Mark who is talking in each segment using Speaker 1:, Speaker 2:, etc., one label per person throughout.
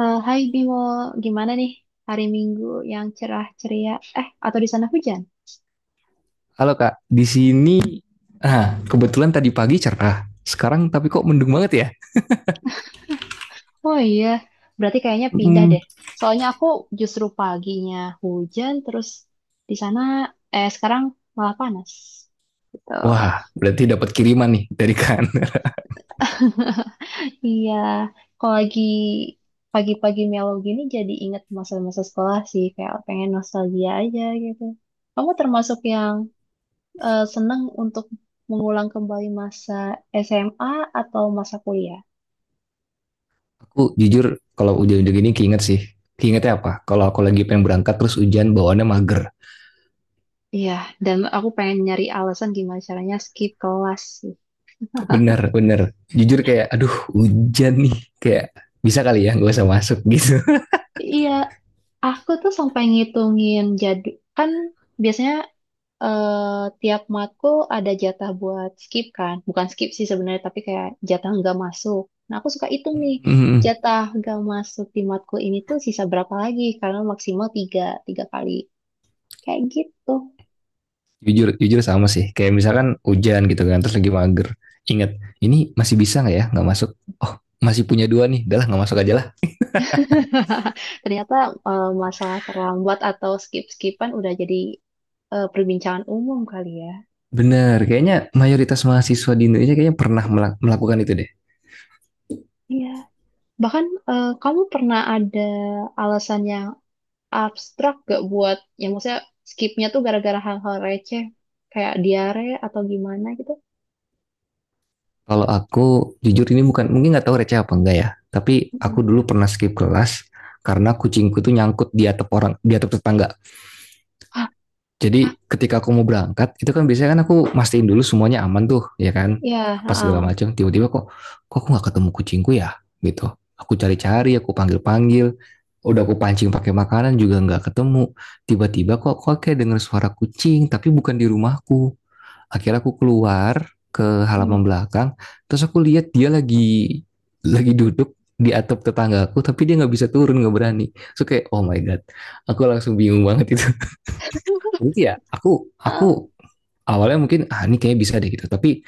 Speaker 1: Hai Bimo, gimana nih hari Minggu yang cerah ceria? Atau di sana hujan?
Speaker 2: Halo Kak, di sini nah, kebetulan tadi pagi cerah. Sekarang tapi kok mendung banget ya?
Speaker 1: Oh iya, berarti kayaknya pindah
Speaker 2: Mm.
Speaker 1: deh. Soalnya aku justru paginya hujan, terus di sana sekarang malah panas. Gitu.
Speaker 2: Wah, berarti dapat kiriman nih dari kan.
Speaker 1: Iya, kalau lagi pagi-pagi mellow gini jadi inget masa-masa sekolah sih, kayak pengen nostalgia aja gitu. Kamu termasuk yang seneng untuk mengulang kembali masa SMA atau masa kuliah?
Speaker 2: Aku jujur kalau hujan-hujan gini keinget sih. Keingetnya apa? Kalau aku lagi pengen berangkat terus hujan bawaannya mager.
Speaker 1: Iya, dan aku pengen nyari alasan gimana caranya skip kelas sih.
Speaker 2: Bener, bener. Jujur kayak aduh hujan nih. Kayak bisa kali ya nggak usah masuk gitu.
Speaker 1: Iya, aku tuh sampai ngitungin jadwal. Kan biasanya tiap matkul ada jatah buat skip kan. Bukan skip sih sebenarnya, tapi kayak jatah nggak masuk. Nah, aku suka hitung nih,
Speaker 2: Mm,
Speaker 1: jatah nggak masuk di matkul ini tuh sisa berapa lagi. Karena maksimal tiga, tiga kali. Kayak gitu.
Speaker 2: Jujur, jujur sama sih. Kayak misalkan hujan gitu kan terus lagi mager. Ingat, ini masih bisa nggak ya nggak masuk? Oh, masih punya dua nih. Udah lah nggak masuk aja lah.
Speaker 1: Ternyata masalah terlambat atau skip-skipan udah jadi perbincangan umum kali ya.
Speaker 2: Bener, kayaknya mayoritas mahasiswa di Indonesia kayaknya pernah melakukan itu deh.
Speaker 1: Iya. Bahkan kamu pernah ada alasan yang abstrak gak buat, ya maksudnya skipnya tuh gara-gara hal-hal receh, kayak diare atau gimana gitu?
Speaker 2: Kalau aku jujur ini bukan, mungkin nggak tahu receh apa enggak ya. Tapi aku
Speaker 1: Mm-mm.
Speaker 2: dulu pernah skip kelas karena kucingku tuh nyangkut di atap orang, di atap tetangga.
Speaker 1: Ah, ah,
Speaker 2: Jadi ketika aku mau berangkat, itu kan biasanya kan aku mastiin dulu semuanya aman tuh, ya kan?
Speaker 1: ya,
Speaker 2: Apa segala
Speaker 1: ah,
Speaker 2: macam. Tiba-tiba kok, kok aku nggak ketemu kucingku ya? Gitu. Aku cari-cari, aku panggil-panggil. Udah aku pancing pakai makanan juga nggak ketemu. Tiba-tiba kok kok kayak denger suara kucing, tapi bukan di rumahku. Akhirnya aku keluar ke halaman
Speaker 1: iya.
Speaker 2: belakang, terus aku lihat dia lagi duduk di atap tetanggaku, tapi dia nggak bisa turun, nggak berani. So kayak, oh my god, aku langsung bingung banget itu. Jadi ya, aku
Speaker 1: Ah,
Speaker 2: awalnya mungkin ah ini kayaknya bisa deh gitu, tapi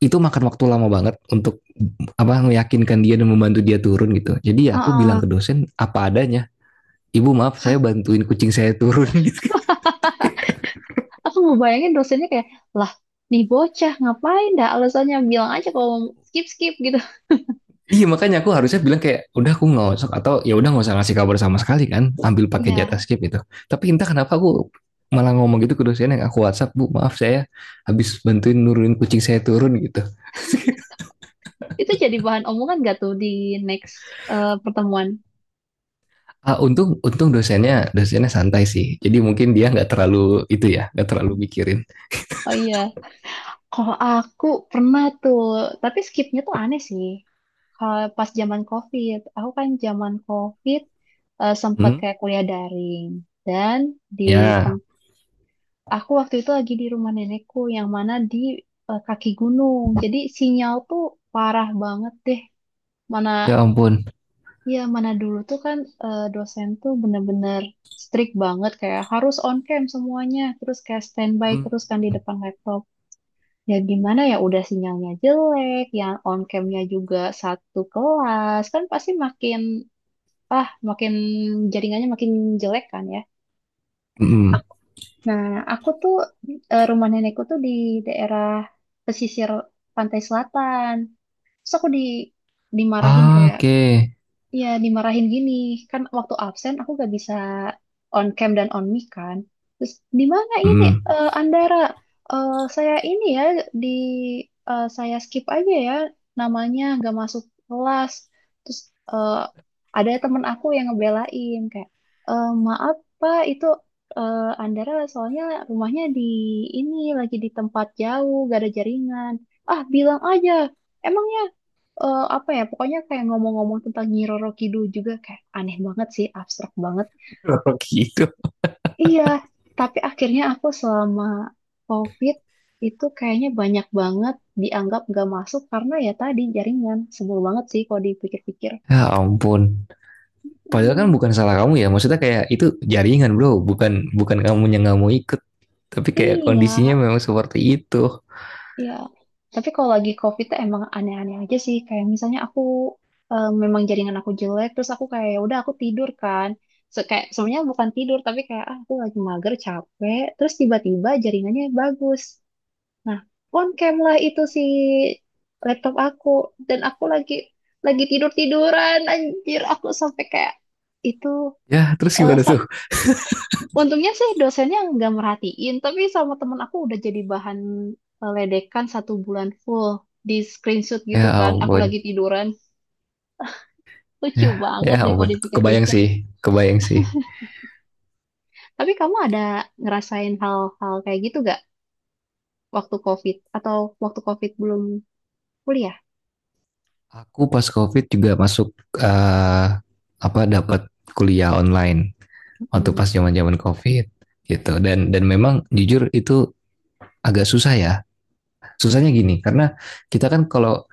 Speaker 2: itu makan waktu lama banget untuk apa meyakinkan dia dan membantu dia turun gitu. Jadi ya aku bilang
Speaker 1: ah,
Speaker 2: ke
Speaker 1: ah.
Speaker 2: dosen apa adanya, ibu maaf saya bantuin kucing saya turun.
Speaker 1: Aku ngebayangin dosennya kayak, lah, nih bocah ngapain dah alasannya bilang aja kalau mau skip skip gitu.
Speaker 2: Iya makanya aku harusnya bilang kayak udah aku nggak atau ya udah nggak usah ngasih kabar sama sekali kan ambil pakai jatah
Speaker 1: Ya,
Speaker 2: skip itu. Tapi entah kenapa aku malah ngomong gitu ke dosen yang aku WhatsApp bu maaf saya habis bantuin nurunin kucing saya turun gitu.
Speaker 1: itu jadi bahan omongan gak tuh di next pertemuan?
Speaker 2: Untung untung dosennya dosennya santai sih. Jadi mungkin dia nggak terlalu itu ya nggak terlalu mikirin.
Speaker 1: Oh iya. Kalau aku pernah tuh, tapi skipnya tuh aneh sih. Kalau pas zaman COVID, aku kan zaman COVID sempat
Speaker 2: Hmm?
Speaker 1: kayak kuliah daring dan di tem
Speaker 2: Ya
Speaker 1: aku waktu itu lagi di rumah nenekku yang mana di kaki gunung. Jadi sinyal tuh parah banget deh. Mana
Speaker 2: ya ampun.
Speaker 1: ya mana dulu tuh kan dosen tuh bener-bener strict banget kayak harus on cam semuanya, terus kayak standby
Speaker 2: Hmm.
Speaker 1: terus kan di depan laptop. Ya gimana ya udah sinyalnya jelek, yang on camnya juga satu kelas, kan pasti makin makin jaringannya makin jelek kan ya.
Speaker 2: Hmm.
Speaker 1: Nah, aku tuh rumah nenekku tuh di daerah pesisir pantai selatan. Terus aku di dimarahin
Speaker 2: Ah,
Speaker 1: kayak
Speaker 2: oke. Okay.
Speaker 1: Iya, dimarahin gini. Kan waktu absen aku gak bisa on cam dan on mic kan. Terus di mana ini
Speaker 2: Hmm.
Speaker 1: Andara? Eh, saya ini ya di saya skip aja ya namanya gak masuk kelas. Terus eh, ada temen aku yang ngebelain kayak "Eh, maaf Pak itu Andara soalnya rumahnya di ini lagi di tempat jauh gak ada jaringan. Ah bilang aja. Emangnya apa ya pokoknya kayak ngomong-ngomong tentang Nyi Roro Kidul juga kayak aneh banget sih abstrak banget
Speaker 2: Kenapa gitu?
Speaker 1: iya tapi akhirnya aku selama COVID itu kayaknya banyak banget dianggap gak masuk karena ya tadi jaringan sebel banget sih kalau dipikir-pikir
Speaker 2: Ya ampun. Padahal kan
Speaker 1: Hmm,
Speaker 2: bukan salah kamu ya. Maksudnya kayak itu jaringan bro, bukan bukan kamu yang nggak mau ikut. Tapi kayak
Speaker 1: iya
Speaker 2: kondisinya memang seperti itu.
Speaker 1: Iya, tapi kalau lagi COVID tuh emang aneh-aneh aja sih. Kayak misalnya aku memang jaringan aku jelek, terus aku kayak "Ya udah aku tidur kan. So, kayak sebenarnya bukan tidur, tapi kayak "Ah, aku lagi mager, capek. Terus tiba-tiba jaringannya bagus. Nah, on cam lah itu si laptop aku dan aku lagi tidur tiduran. Anjir, aku sampai kayak itu
Speaker 2: Ya terus gimana tuh?
Speaker 1: Untungnya sih dosennya nggak merhatiin, tapi sama temen aku udah jadi bahan ledekan 1 bulan full di screenshot
Speaker 2: Ya
Speaker 1: gitu kan. Aku
Speaker 2: ampun.
Speaker 1: lagi tiduran. Lucu
Speaker 2: Ya ya
Speaker 1: banget deh kalau
Speaker 2: ampun. Kebayang
Speaker 1: dipikir-pikir.
Speaker 2: sih, kebayang sih.
Speaker 1: Tapi kamu ada ngerasain hal-hal kayak gitu gak waktu COVID? Atau waktu COVID belum kuliah?
Speaker 2: Aku pas COVID juga masuk apa dapat kuliah online waktu pas
Speaker 1: Mm-mm.
Speaker 2: zaman zaman COVID gitu. Dan memang jujur itu agak susah ya. Susahnya gini karena kita kan kalau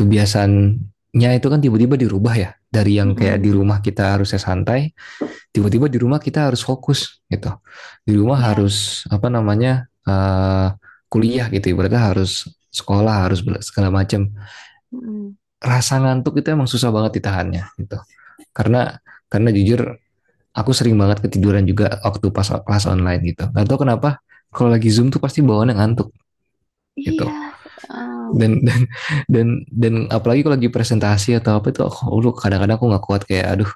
Speaker 2: kebiasaannya itu kan tiba-tiba dirubah ya dari yang kayak di
Speaker 1: Mm-mm.
Speaker 2: rumah kita harusnya santai, tiba-tiba di rumah kita harus fokus gitu, di rumah
Speaker 1: Ya.
Speaker 2: harus apa namanya kuliah gitu berarti harus sekolah harus segala macam.
Speaker 1: Mm-mm.
Speaker 2: Rasa ngantuk itu emang susah banget ditahannya gitu, karena karena jujur aku sering banget ketiduran juga waktu pas kelas online gitu, nggak tahu kenapa kalau lagi zoom tuh pasti bawaannya ngantuk gitu.
Speaker 1: Iya. Eh,
Speaker 2: Dan dan dan dan apalagi kalau lagi presentasi atau apa itu aku lu kadang-kadang aku nggak kuat kayak aduh,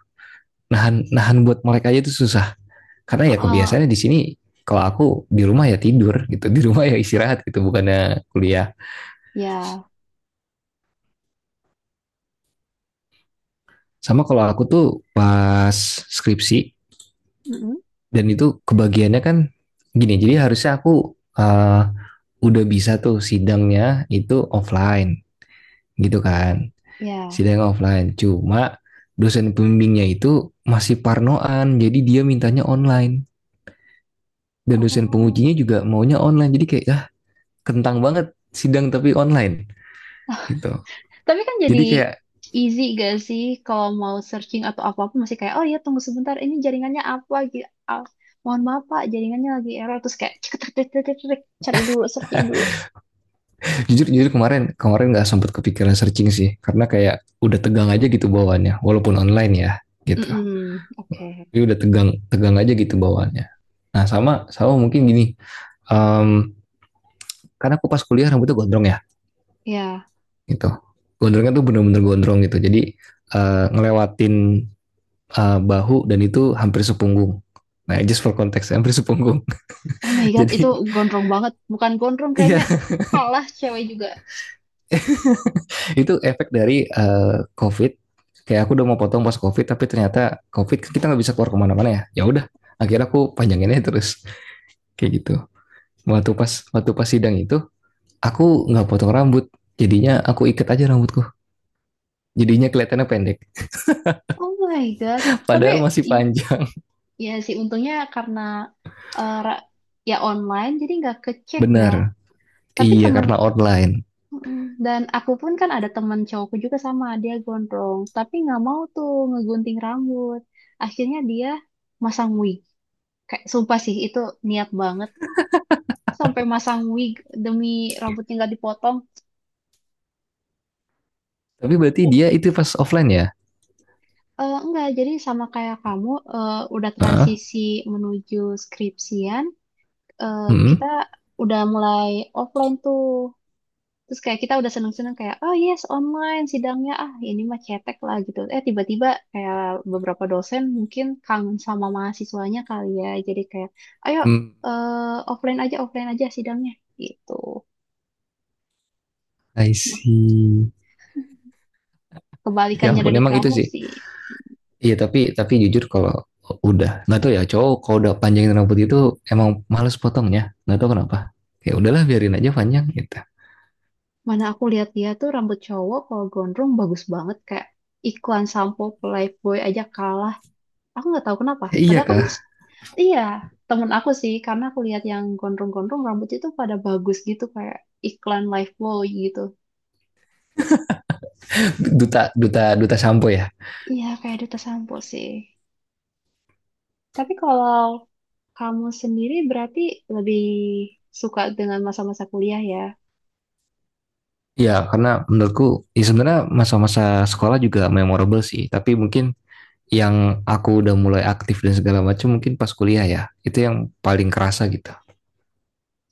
Speaker 2: nahan nahan buat mereka aja itu susah karena ya
Speaker 1: eh,
Speaker 2: kebiasaannya di sini kalau aku di rumah ya tidur gitu, di rumah ya istirahat gitu bukannya kuliah.
Speaker 1: Ya.
Speaker 2: Sama kalau aku tuh pas skripsi
Speaker 1: Mm-mm.
Speaker 2: dan itu kebagiannya kan gini, jadi harusnya aku uh, udah bisa tuh sidangnya itu offline gitu kan,
Speaker 1: Ya.
Speaker 2: sidang offline. Cuma dosen pembimbingnya itu masih parnoan, jadi dia mintanya online. Dan dosen
Speaker 1: Oh.
Speaker 2: pengujinya juga maunya online. Jadi kayak, ah, kentang banget sidang tapi online gitu.
Speaker 1: Tapi kan jadi
Speaker 2: Jadi kayak
Speaker 1: easy gak sih kalau mau searching atau apa-apa masih kayak oh iya tunggu sebentar ini jaringannya apa gitu. Mohon maaf Pak, jaringannya lagi error terus kayak cek cek cek cek, cek, cek, cari dulu searching dulu.
Speaker 2: jujur jujur kemarin kemarin nggak sempat kepikiran searching sih karena kayak udah tegang aja gitu bawaannya walaupun online ya gitu.
Speaker 1: Mm-mm, Oke.
Speaker 2: Tapi udah tegang tegang aja gitu bawaannya. Nah sama sama mungkin gini, um, karena aku pas kuliah rambutnya gondrong ya.
Speaker 1: Ya.
Speaker 2: Gitu, gondrongnya tuh bener-bener gondrong gitu jadi ngelewatin bahu dan itu hampir sepunggung, nah just for context hampir sepunggung.
Speaker 1: Oh my God, itu
Speaker 2: Jadi
Speaker 1: gondrong banget. Bukan gondrong
Speaker 2: iya
Speaker 1: kayaknya kalah cewek juga.
Speaker 2: itu efek dari covid, kayak aku udah mau potong pas covid tapi ternyata covid kan kita nggak bisa keluar kemana-mana ya, ya udah akhirnya aku panjanginnya terus kayak gitu. Waktu pas waktu pas sidang itu aku nggak potong rambut jadinya aku ikat aja rambutku, jadinya kelihatannya pendek.
Speaker 1: Oh my God. Tapi
Speaker 2: Padahal masih
Speaker 1: i-
Speaker 2: panjang.
Speaker 1: ya sih untungnya karena eh, ra- ya online jadi nggak kecek ya.
Speaker 2: Benar,
Speaker 1: Tapi
Speaker 2: iya
Speaker 1: temen
Speaker 2: karena online.
Speaker 1: Mm-mm. Dan aku pun kan ada teman cowokku juga sama, dia gondrong, tapi nggak mau tuh ngegunting rambut. Akhirnya dia masang wig. Kayak sumpah sih itu niat banget sampai masang wig demi rambutnya nggak dipotong.
Speaker 2: Tapi berarti dia itu pas offline ya?
Speaker 1: Eh enggak, jadi sama kayak kamu eh, udah
Speaker 2: Heeh.
Speaker 1: transisi menuju skripsian, eh,
Speaker 2: Hmm.
Speaker 1: kita udah mulai offline tuh. Terus kayak kita udah seneng-seneng kayak, oh yes, online sidangnya, ah ini mah cetek lah gitu. Eh tiba-tiba kayak beberapa dosen mungkin kangen sama mahasiswanya kali ya. Jadi kayak, ayo
Speaker 2: Hmm.
Speaker 1: eh, offline aja sidangnya gitu.
Speaker 2: I
Speaker 1: Nah,
Speaker 2: see. Ya
Speaker 1: Kebalikannya
Speaker 2: ampun
Speaker 1: dari
Speaker 2: emang itu
Speaker 1: kamu
Speaker 2: sih.
Speaker 1: sih.
Speaker 2: Iya tapi jujur kalau udah nggak tahu ya cowok kalau udah panjangin rambut itu emang males potongnya nggak tahu kenapa, ya udahlah biarin aja panjang gitu.
Speaker 1: Mana aku lihat dia tuh rambut cowok kalau gondrong bagus banget kayak iklan sampo Playboy aja kalah Aku nggak tahu kenapa.
Speaker 2: Iya
Speaker 1: Padahal kan,
Speaker 2: kah?
Speaker 1: iya, temen aku sih. Karena aku lihat yang gondrong-gondrong rambutnya itu pada bagus gitu. Kayak iklan Lifebuoy gitu.
Speaker 2: Duta duta duta sampo ya.
Speaker 1: Iya, kayak duta sampo sih. Tapi kalau kamu sendiri berarti lebih suka dengan masa-masa kuliah ya?
Speaker 2: Iya, karena menurutku ya sebenarnya masa-masa sekolah juga memorable sih. Tapi mungkin yang aku udah mulai aktif dan segala macam mungkin pas kuliah ya. Itu yang paling kerasa gitu.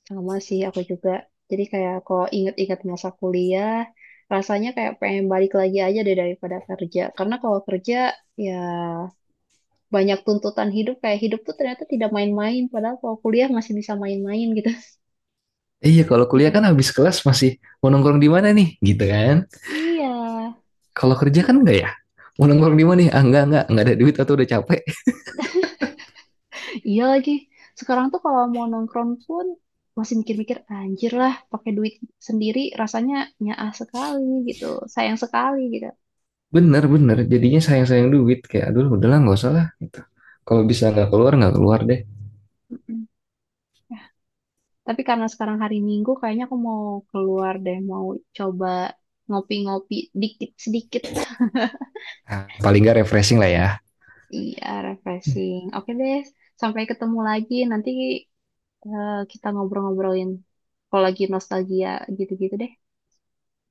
Speaker 1: Sama sih aku juga. Jadi kayak kalau inget-inget masa kuliah, rasanya kayak pengen balik lagi aja deh daripada kerja. Karena kalau kerja, ya banyak tuntutan hidup kayak hidup tuh ternyata tidak main-main padahal kalau kuliah masih bisa main-main gitu
Speaker 2: Iya, kalau kuliah kan
Speaker 1: pikiran
Speaker 2: habis kelas masih mau nongkrong di mana nih, gitu kan?
Speaker 1: iya
Speaker 2: Kalau kerja kan enggak ya? Mau nongkrong di mana nih? Ah, enggak ada duit atau udah capek.
Speaker 1: iya lagi sekarang tuh kalau mau nongkrong pun masih mikir-mikir anjir lah pakai duit sendiri rasanya nyaah sekali gitu sayang sekali gitu
Speaker 2: Bener, bener. Jadinya sayang-sayang duit. Kayak, aduh, udahlah nggak usah lah. Gitu. Kalau bisa nggak keluar deh.
Speaker 1: Mm-mm. Ya, tapi karena sekarang hari Minggu kayaknya aku mau keluar deh mau coba ngopi-ngopi dikit sedikit
Speaker 2: Nah, paling nggak refreshing lah ya.
Speaker 1: iya refreshing oke deh sampai ketemu lagi nanti kita ngobrol-ngobrolin kalau lagi nostalgia gitu-gitu deh.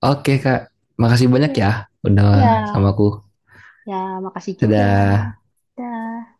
Speaker 2: Oke, Kak. Makasih banyak
Speaker 1: Iya.
Speaker 2: ya. Udah
Speaker 1: Ya.
Speaker 2: sama aku.
Speaker 1: Ya, makasih juga.
Speaker 2: Dadah.
Speaker 1: Dah.